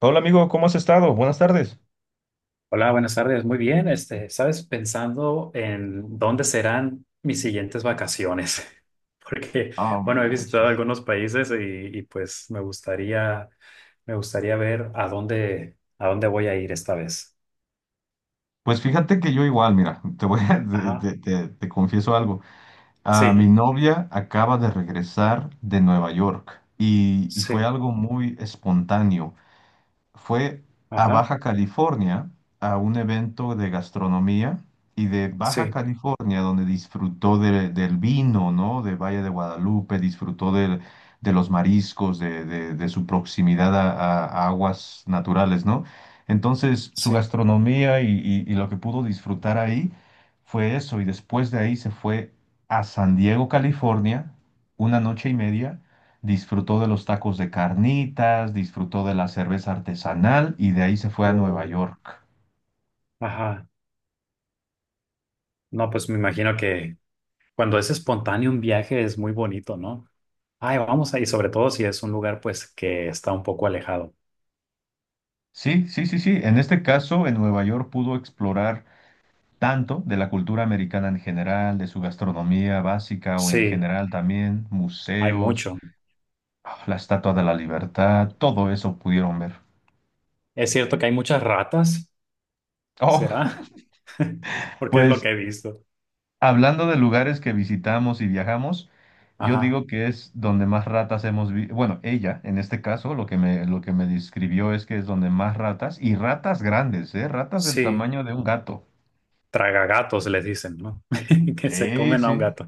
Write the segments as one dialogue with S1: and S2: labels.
S1: Hola amigo, ¿cómo has estado? Buenas tardes.
S2: Hola, buenas tardes. Muy bien. Este, sabes, pensando en dónde serán mis siguientes vacaciones, porque,
S1: Ah,
S2: bueno, he visitado
S1: manches.
S2: algunos países y pues me gustaría ver a dónde voy a ir esta vez.
S1: Pues fíjate que yo igual, mira, te voy a, te,
S2: Ajá.
S1: te- te- te confieso algo. Ah, mi
S2: Sí,
S1: novia acaba de regresar de Nueva York y fue
S2: sí,
S1: algo muy espontáneo. Fue a
S2: ajá,
S1: Baja California a un evento de gastronomía y de Baja
S2: sí,
S1: California, donde disfrutó del vino, ¿no? De Valle de Guadalupe, disfrutó de los mariscos, de su proximidad a, a aguas naturales, ¿no? Entonces, su
S2: sí.
S1: gastronomía y lo que pudo disfrutar ahí fue eso, y después de ahí se fue a San Diego, California, una noche y media disfrutó de los tacos de carnitas, disfrutó de la cerveza artesanal y de ahí se fue a Nueva
S2: O-
S1: York.
S2: ajá. No, pues me imagino que cuando es espontáneo un viaje es muy bonito, ¿no? Ay, vamos ahí, sobre todo si es un lugar pues que está un poco alejado.
S1: Sí, sí, sí, sí. En este caso, en Nueva York pudo explorar tanto de la cultura americana en general, de su gastronomía básica o en
S2: Sí.
S1: general también,
S2: Hay
S1: museos,
S2: mucho.
S1: la Estatua de la Libertad, todo eso pudieron ver.
S2: Es cierto que hay muchas ratas,
S1: Oh,
S2: ¿será? Porque es lo
S1: pues
S2: que he visto.
S1: hablando de lugares que visitamos y viajamos, yo
S2: Ajá.
S1: digo que es donde más ratas hemos visto. Bueno, ella, en este caso, lo que me describió es que es donde más ratas, y ratas grandes, ¿eh? Ratas del
S2: Sí,
S1: tamaño de un gato.
S2: tragagatos les dicen, ¿no? Que se
S1: Sí,
S2: comen a un
S1: sí.
S2: gato.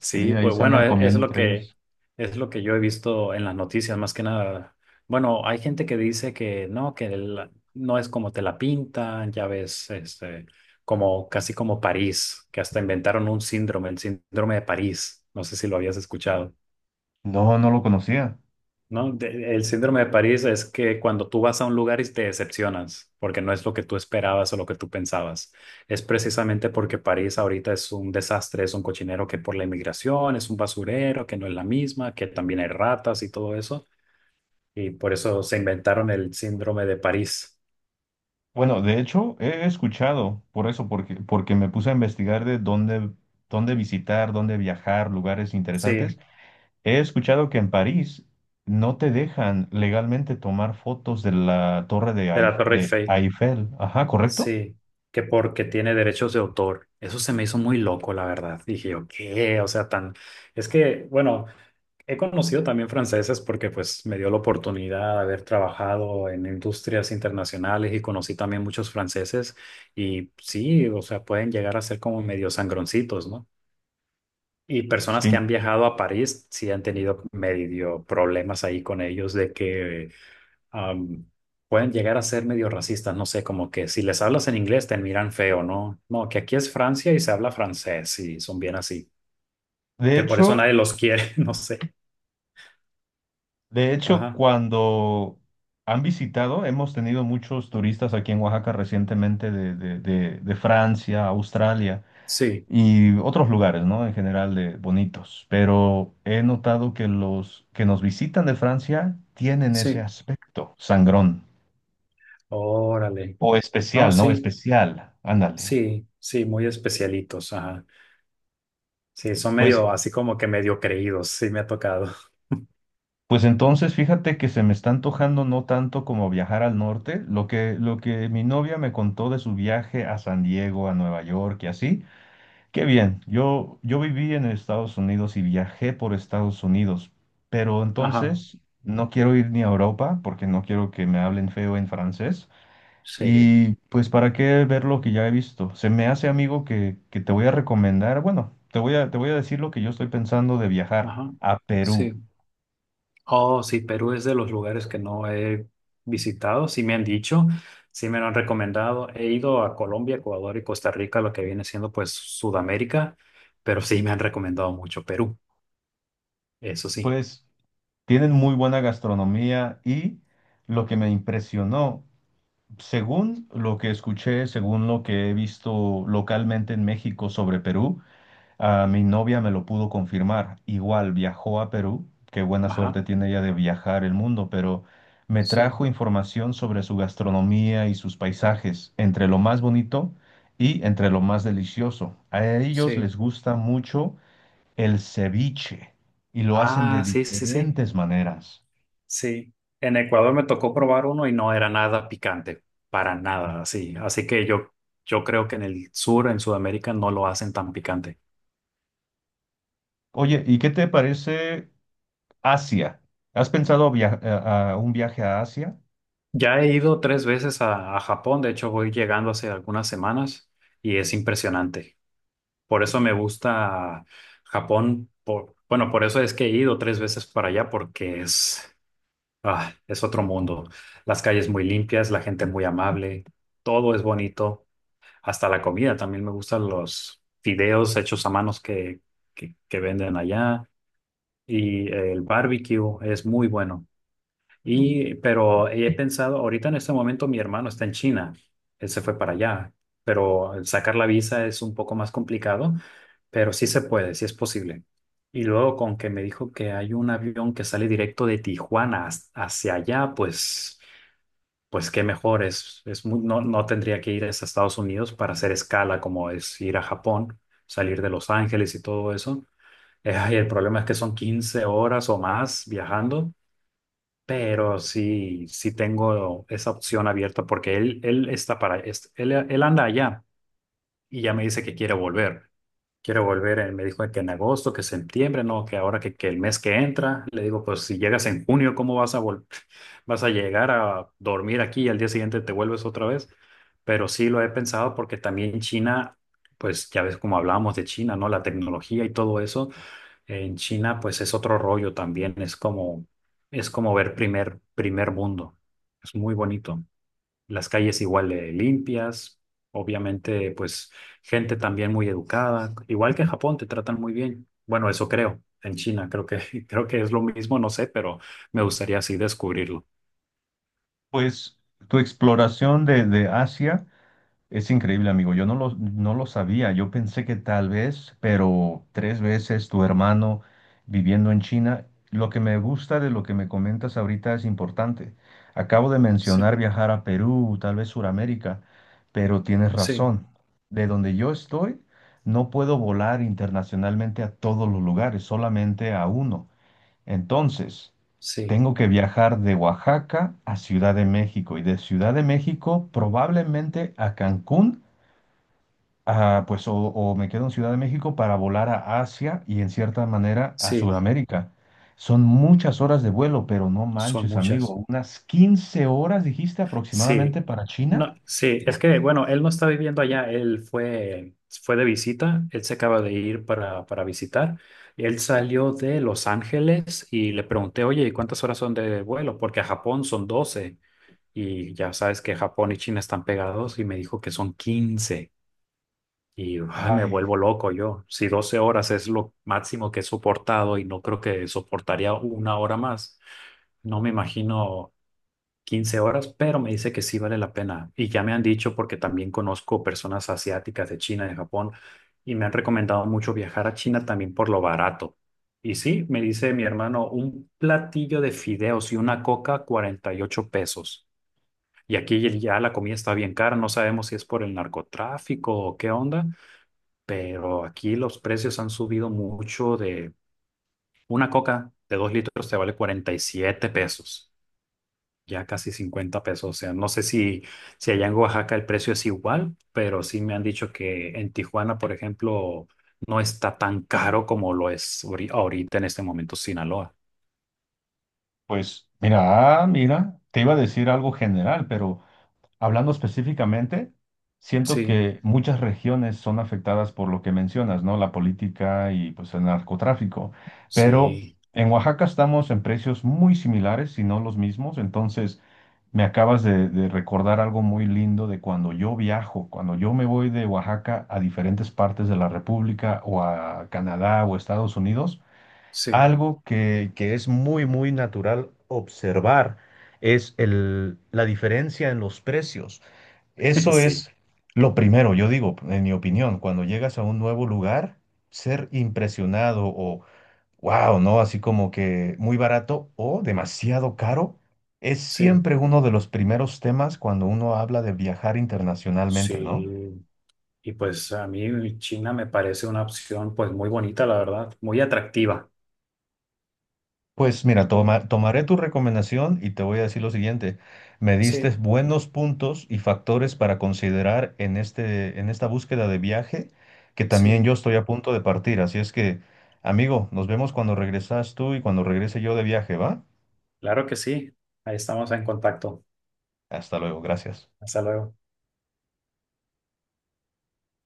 S1: Sí, ahí
S2: pues
S1: se
S2: bueno,
S1: andan comiendo
S2: lo
S1: entre
S2: que
S1: ellos.
S2: es lo que yo he visto en las noticias, más que nada. Bueno, hay gente que dice que no, que no es como te la pintan, ya ves, este, como casi como París, que hasta inventaron un síndrome, el síndrome de París. No sé si lo habías escuchado.
S1: No, no lo conocía.
S2: No, el síndrome de París es que cuando tú vas a un lugar y te decepcionas, porque no es lo que tú esperabas o lo que tú pensabas. Es precisamente porque París ahorita es un desastre, es un cochinero que por la inmigración es un basurero, que no es la misma, que también hay ratas y todo eso. Y por eso se inventaron el síndrome de París.
S1: Bueno, de hecho, he escuchado por eso, porque me puse a investigar de dónde, dónde visitar, dónde viajar, lugares
S2: Sí,
S1: interesantes.
S2: de
S1: He escuchado que en París no te dejan legalmente tomar fotos de la torre de,
S2: la
S1: Eif-
S2: Torre
S1: de
S2: Eiffel.
S1: Eiffel. Ajá, ¿correcto?
S2: Sí, que porque tiene derechos de autor. Eso se me hizo muy loco, la verdad. Dije yo, ¿qué? O sea, tan... Es que, bueno. He conocido también franceses porque pues me dio la oportunidad de haber trabajado en industrias internacionales y conocí también muchos franceses y sí, o sea, pueden llegar a ser como medio sangroncitos, ¿no? Y
S1: Es
S2: personas
S1: que,
S2: que han viajado a París sí han tenido medio problemas ahí con ellos de que am, pueden llegar a ser medio racistas, no sé, como que si les hablas en inglés te miran feo, ¿no? No, que aquí es Francia y se habla francés y son bien así,
S1: de
S2: que por eso
S1: hecho,
S2: nadie los quiere, no sé.
S1: de hecho,
S2: Ajá,
S1: cuando han visitado, hemos tenido muchos turistas aquí en Oaxaca recientemente de Francia, Australia
S2: sí.
S1: y otros lugares, ¿no? En general de bonitos. Pero he notado que los que nos visitan de Francia tienen ese
S2: Sí.
S1: aspecto sangrón
S2: Órale.
S1: o
S2: No,
S1: especial, ¿no?
S2: sí,
S1: Especial. Ándale.
S2: sí, sí, muy especialitos. Ajá. Sí, son
S1: Pues,
S2: medio así como que medio creídos. Sí, me ha tocado.
S1: pues entonces fíjate que se me está antojando no tanto como viajar al norte, lo que mi novia me contó de su viaje a San Diego, a Nueva York y así, qué bien, yo viví en Estados Unidos y viajé por Estados Unidos, pero
S2: Ajá.
S1: entonces no quiero ir ni a Europa porque no quiero que me hablen feo en francés
S2: Sí,
S1: y pues para qué ver lo que ya he visto. Se me hace amigo que te voy a recomendar, bueno, te voy a decir lo que yo estoy pensando de viajar
S2: ajá.
S1: a
S2: Sí.
S1: Perú.
S2: Oh, sí, Perú es de los lugares que no he visitado. Sí, me han dicho, sí, me lo han recomendado. He ido a Colombia, Ecuador y Costa Rica, lo que viene siendo pues Sudamérica, pero sí me han recomendado mucho Perú. Eso sí.
S1: Pues tienen muy buena gastronomía y lo que me impresionó, según lo que escuché, según lo que he visto localmente en México sobre Perú, a mi novia me lo pudo confirmar. Igual viajó a Perú, qué buena suerte
S2: Ajá.
S1: tiene ella de viajar el mundo, pero me
S2: Sí,
S1: trajo información sobre su gastronomía y sus paisajes, entre lo más bonito y entre lo más delicioso. A ellos
S2: sí.
S1: les gusta mucho el ceviche y lo hacen de
S2: Ah, sí, sí, sí.
S1: diferentes maneras.
S2: Sí, en Ecuador me tocó probar uno y no era nada picante, para nada, así. Así que yo creo que en el sur, en Sudamérica, no lo hacen tan picante.
S1: Oye, ¿y qué te parece Asia? ¿Has pensado a un viaje a Asia?
S2: Ya he ido tres veces a Japón, de hecho voy llegando hace algunas semanas y es impresionante. Por eso me gusta Japón, bueno, por eso es que he ido tres veces para allá porque es, ah, es otro mundo. Las calles muy limpias, la gente muy amable, todo es bonito. Hasta la comida, también me gustan los fideos hechos a manos que venden allá y el barbecue es muy bueno. Y, pero he pensado, ahorita en este momento mi hermano está en China, él se fue para allá, pero el sacar la visa es un poco más complicado, pero sí se puede, sí es posible. Y luego con que me dijo que hay un avión que sale directo de Tijuana hacia allá, pues qué mejor no, no tendría que ir hasta Estados Unidos para hacer escala, como es ir a Japón, salir de Los Ángeles y todo eso. Ay, el problema es que son 15 horas o más viajando, pero sí, sí tengo esa opción abierta porque él está para, él anda allá y ya me dice que quiere volver. Quiero volver, me dijo que en agosto, que septiembre, no, que ahora que, el mes que entra, le digo, pues si llegas en junio, ¿cómo vas a vas a llegar a dormir aquí y al día siguiente te vuelves otra vez? Pero sí lo he pensado porque también China, pues ya ves como hablábamos de China, ¿no? La tecnología y todo eso, en China pues es otro rollo también, es como ver primer mundo. Es muy bonito, las calles igual de limpias, obviamente pues gente también muy educada, igual que en Japón te tratan muy bien. Bueno, eso creo, en China creo que creo que es lo mismo, no sé, pero me gustaría así descubrirlo.
S1: Pues tu exploración de Asia. Es increíble, amigo. Yo no lo, no lo sabía. Yo pensé que tal vez, pero tres veces tu hermano viviendo en China. Lo que me gusta de lo que me comentas ahorita es importante. Acabo de
S2: Sí,
S1: mencionar viajar a Perú, tal vez Suramérica, pero tienes
S2: sí,
S1: razón. De donde yo estoy, no puedo volar internacionalmente a todos los lugares, solamente a uno. Entonces,
S2: sí,
S1: tengo que viajar de Oaxaca a Ciudad de México y de Ciudad de México probablemente a Cancún, ah, pues o me quedo en Ciudad de México para volar a Asia y en cierta manera a
S2: sí,
S1: Sudamérica. Son muchas horas de vuelo, pero no
S2: son
S1: manches,
S2: muchas.
S1: amigo, unas 15 horas dijiste
S2: Sí,
S1: aproximadamente para China.
S2: no, sí, es que bueno, él no está viviendo allá, él fue de visita, él se acaba de ir para visitar. Él salió de Los Ángeles y le pregunté, oye, ¿y cuántas horas son de vuelo? Porque a Japón son 12 y ya sabes que Japón y China están pegados y me dijo que son 15 y ay, me
S1: Ay,
S2: vuelvo loco yo. Si 12 horas es lo máximo que he soportado y no creo que soportaría una hora más, no me imagino 15 horas, pero me dice que sí vale la pena. Y ya me han dicho porque también conozco personas asiáticas de China, de Japón y me han recomendado mucho viajar a China también por lo barato. Y sí, me dice mi hermano, un platillo de fideos y una coca, 48 pesos. Y aquí ya la comida está bien cara, no sabemos si es por el narcotráfico o qué onda, pero aquí los precios han subido mucho. De una coca de 2 litros te vale 47 pesos, ya casi 50 pesos. O sea, no sé si, si allá en Oaxaca el precio es igual, pero sí me han dicho que en Tijuana, por ejemplo, no está tan caro como lo es ahorita en este momento Sinaloa.
S1: pues mira, mira, te iba a decir algo general, pero hablando específicamente, siento
S2: Sí,
S1: que muchas regiones son afectadas por lo que mencionas, ¿no? La política y pues el narcotráfico. Pero
S2: sí,
S1: en Oaxaca estamos en precios muy similares, si no los mismos. Entonces, de recordar algo muy lindo de cuando yo viajo, cuando yo me voy de Oaxaca a diferentes partes de la República o a Canadá o Estados Unidos.
S2: sí.
S1: Algo que es muy natural observar es la diferencia en los precios. Eso
S2: Sí,
S1: es lo primero, yo digo, en mi opinión, cuando llegas a un nuevo lugar, ser impresionado o wow, ¿no? Así como que muy barato o demasiado caro, es
S2: sí,
S1: siempre uno de los primeros temas cuando uno habla de viajar internacionalmente, ¿no?
S2: sí. Y pues a mí China me parece una opción pues muy bonita, la verdad, muy atractiva.
S1: Pues mira,
S2: Mm.
S1: tomaré tu recomendación y te voy a decir lo siguiente. Me diste
S2: Sí,
S1: buenos puntos y factores para considerar en esta búsqueda de viaje, que también yo
S2: sí.
S1: estoy a punto de partir. Así es que, amigo, nos vemos cuando regresas tú y cuando regrese yo de viaje, ¿va?
S2: Claro que sí. Ahí estamos en contacto.
S1: Hasta luego, gracias.
S2: Hasta luego.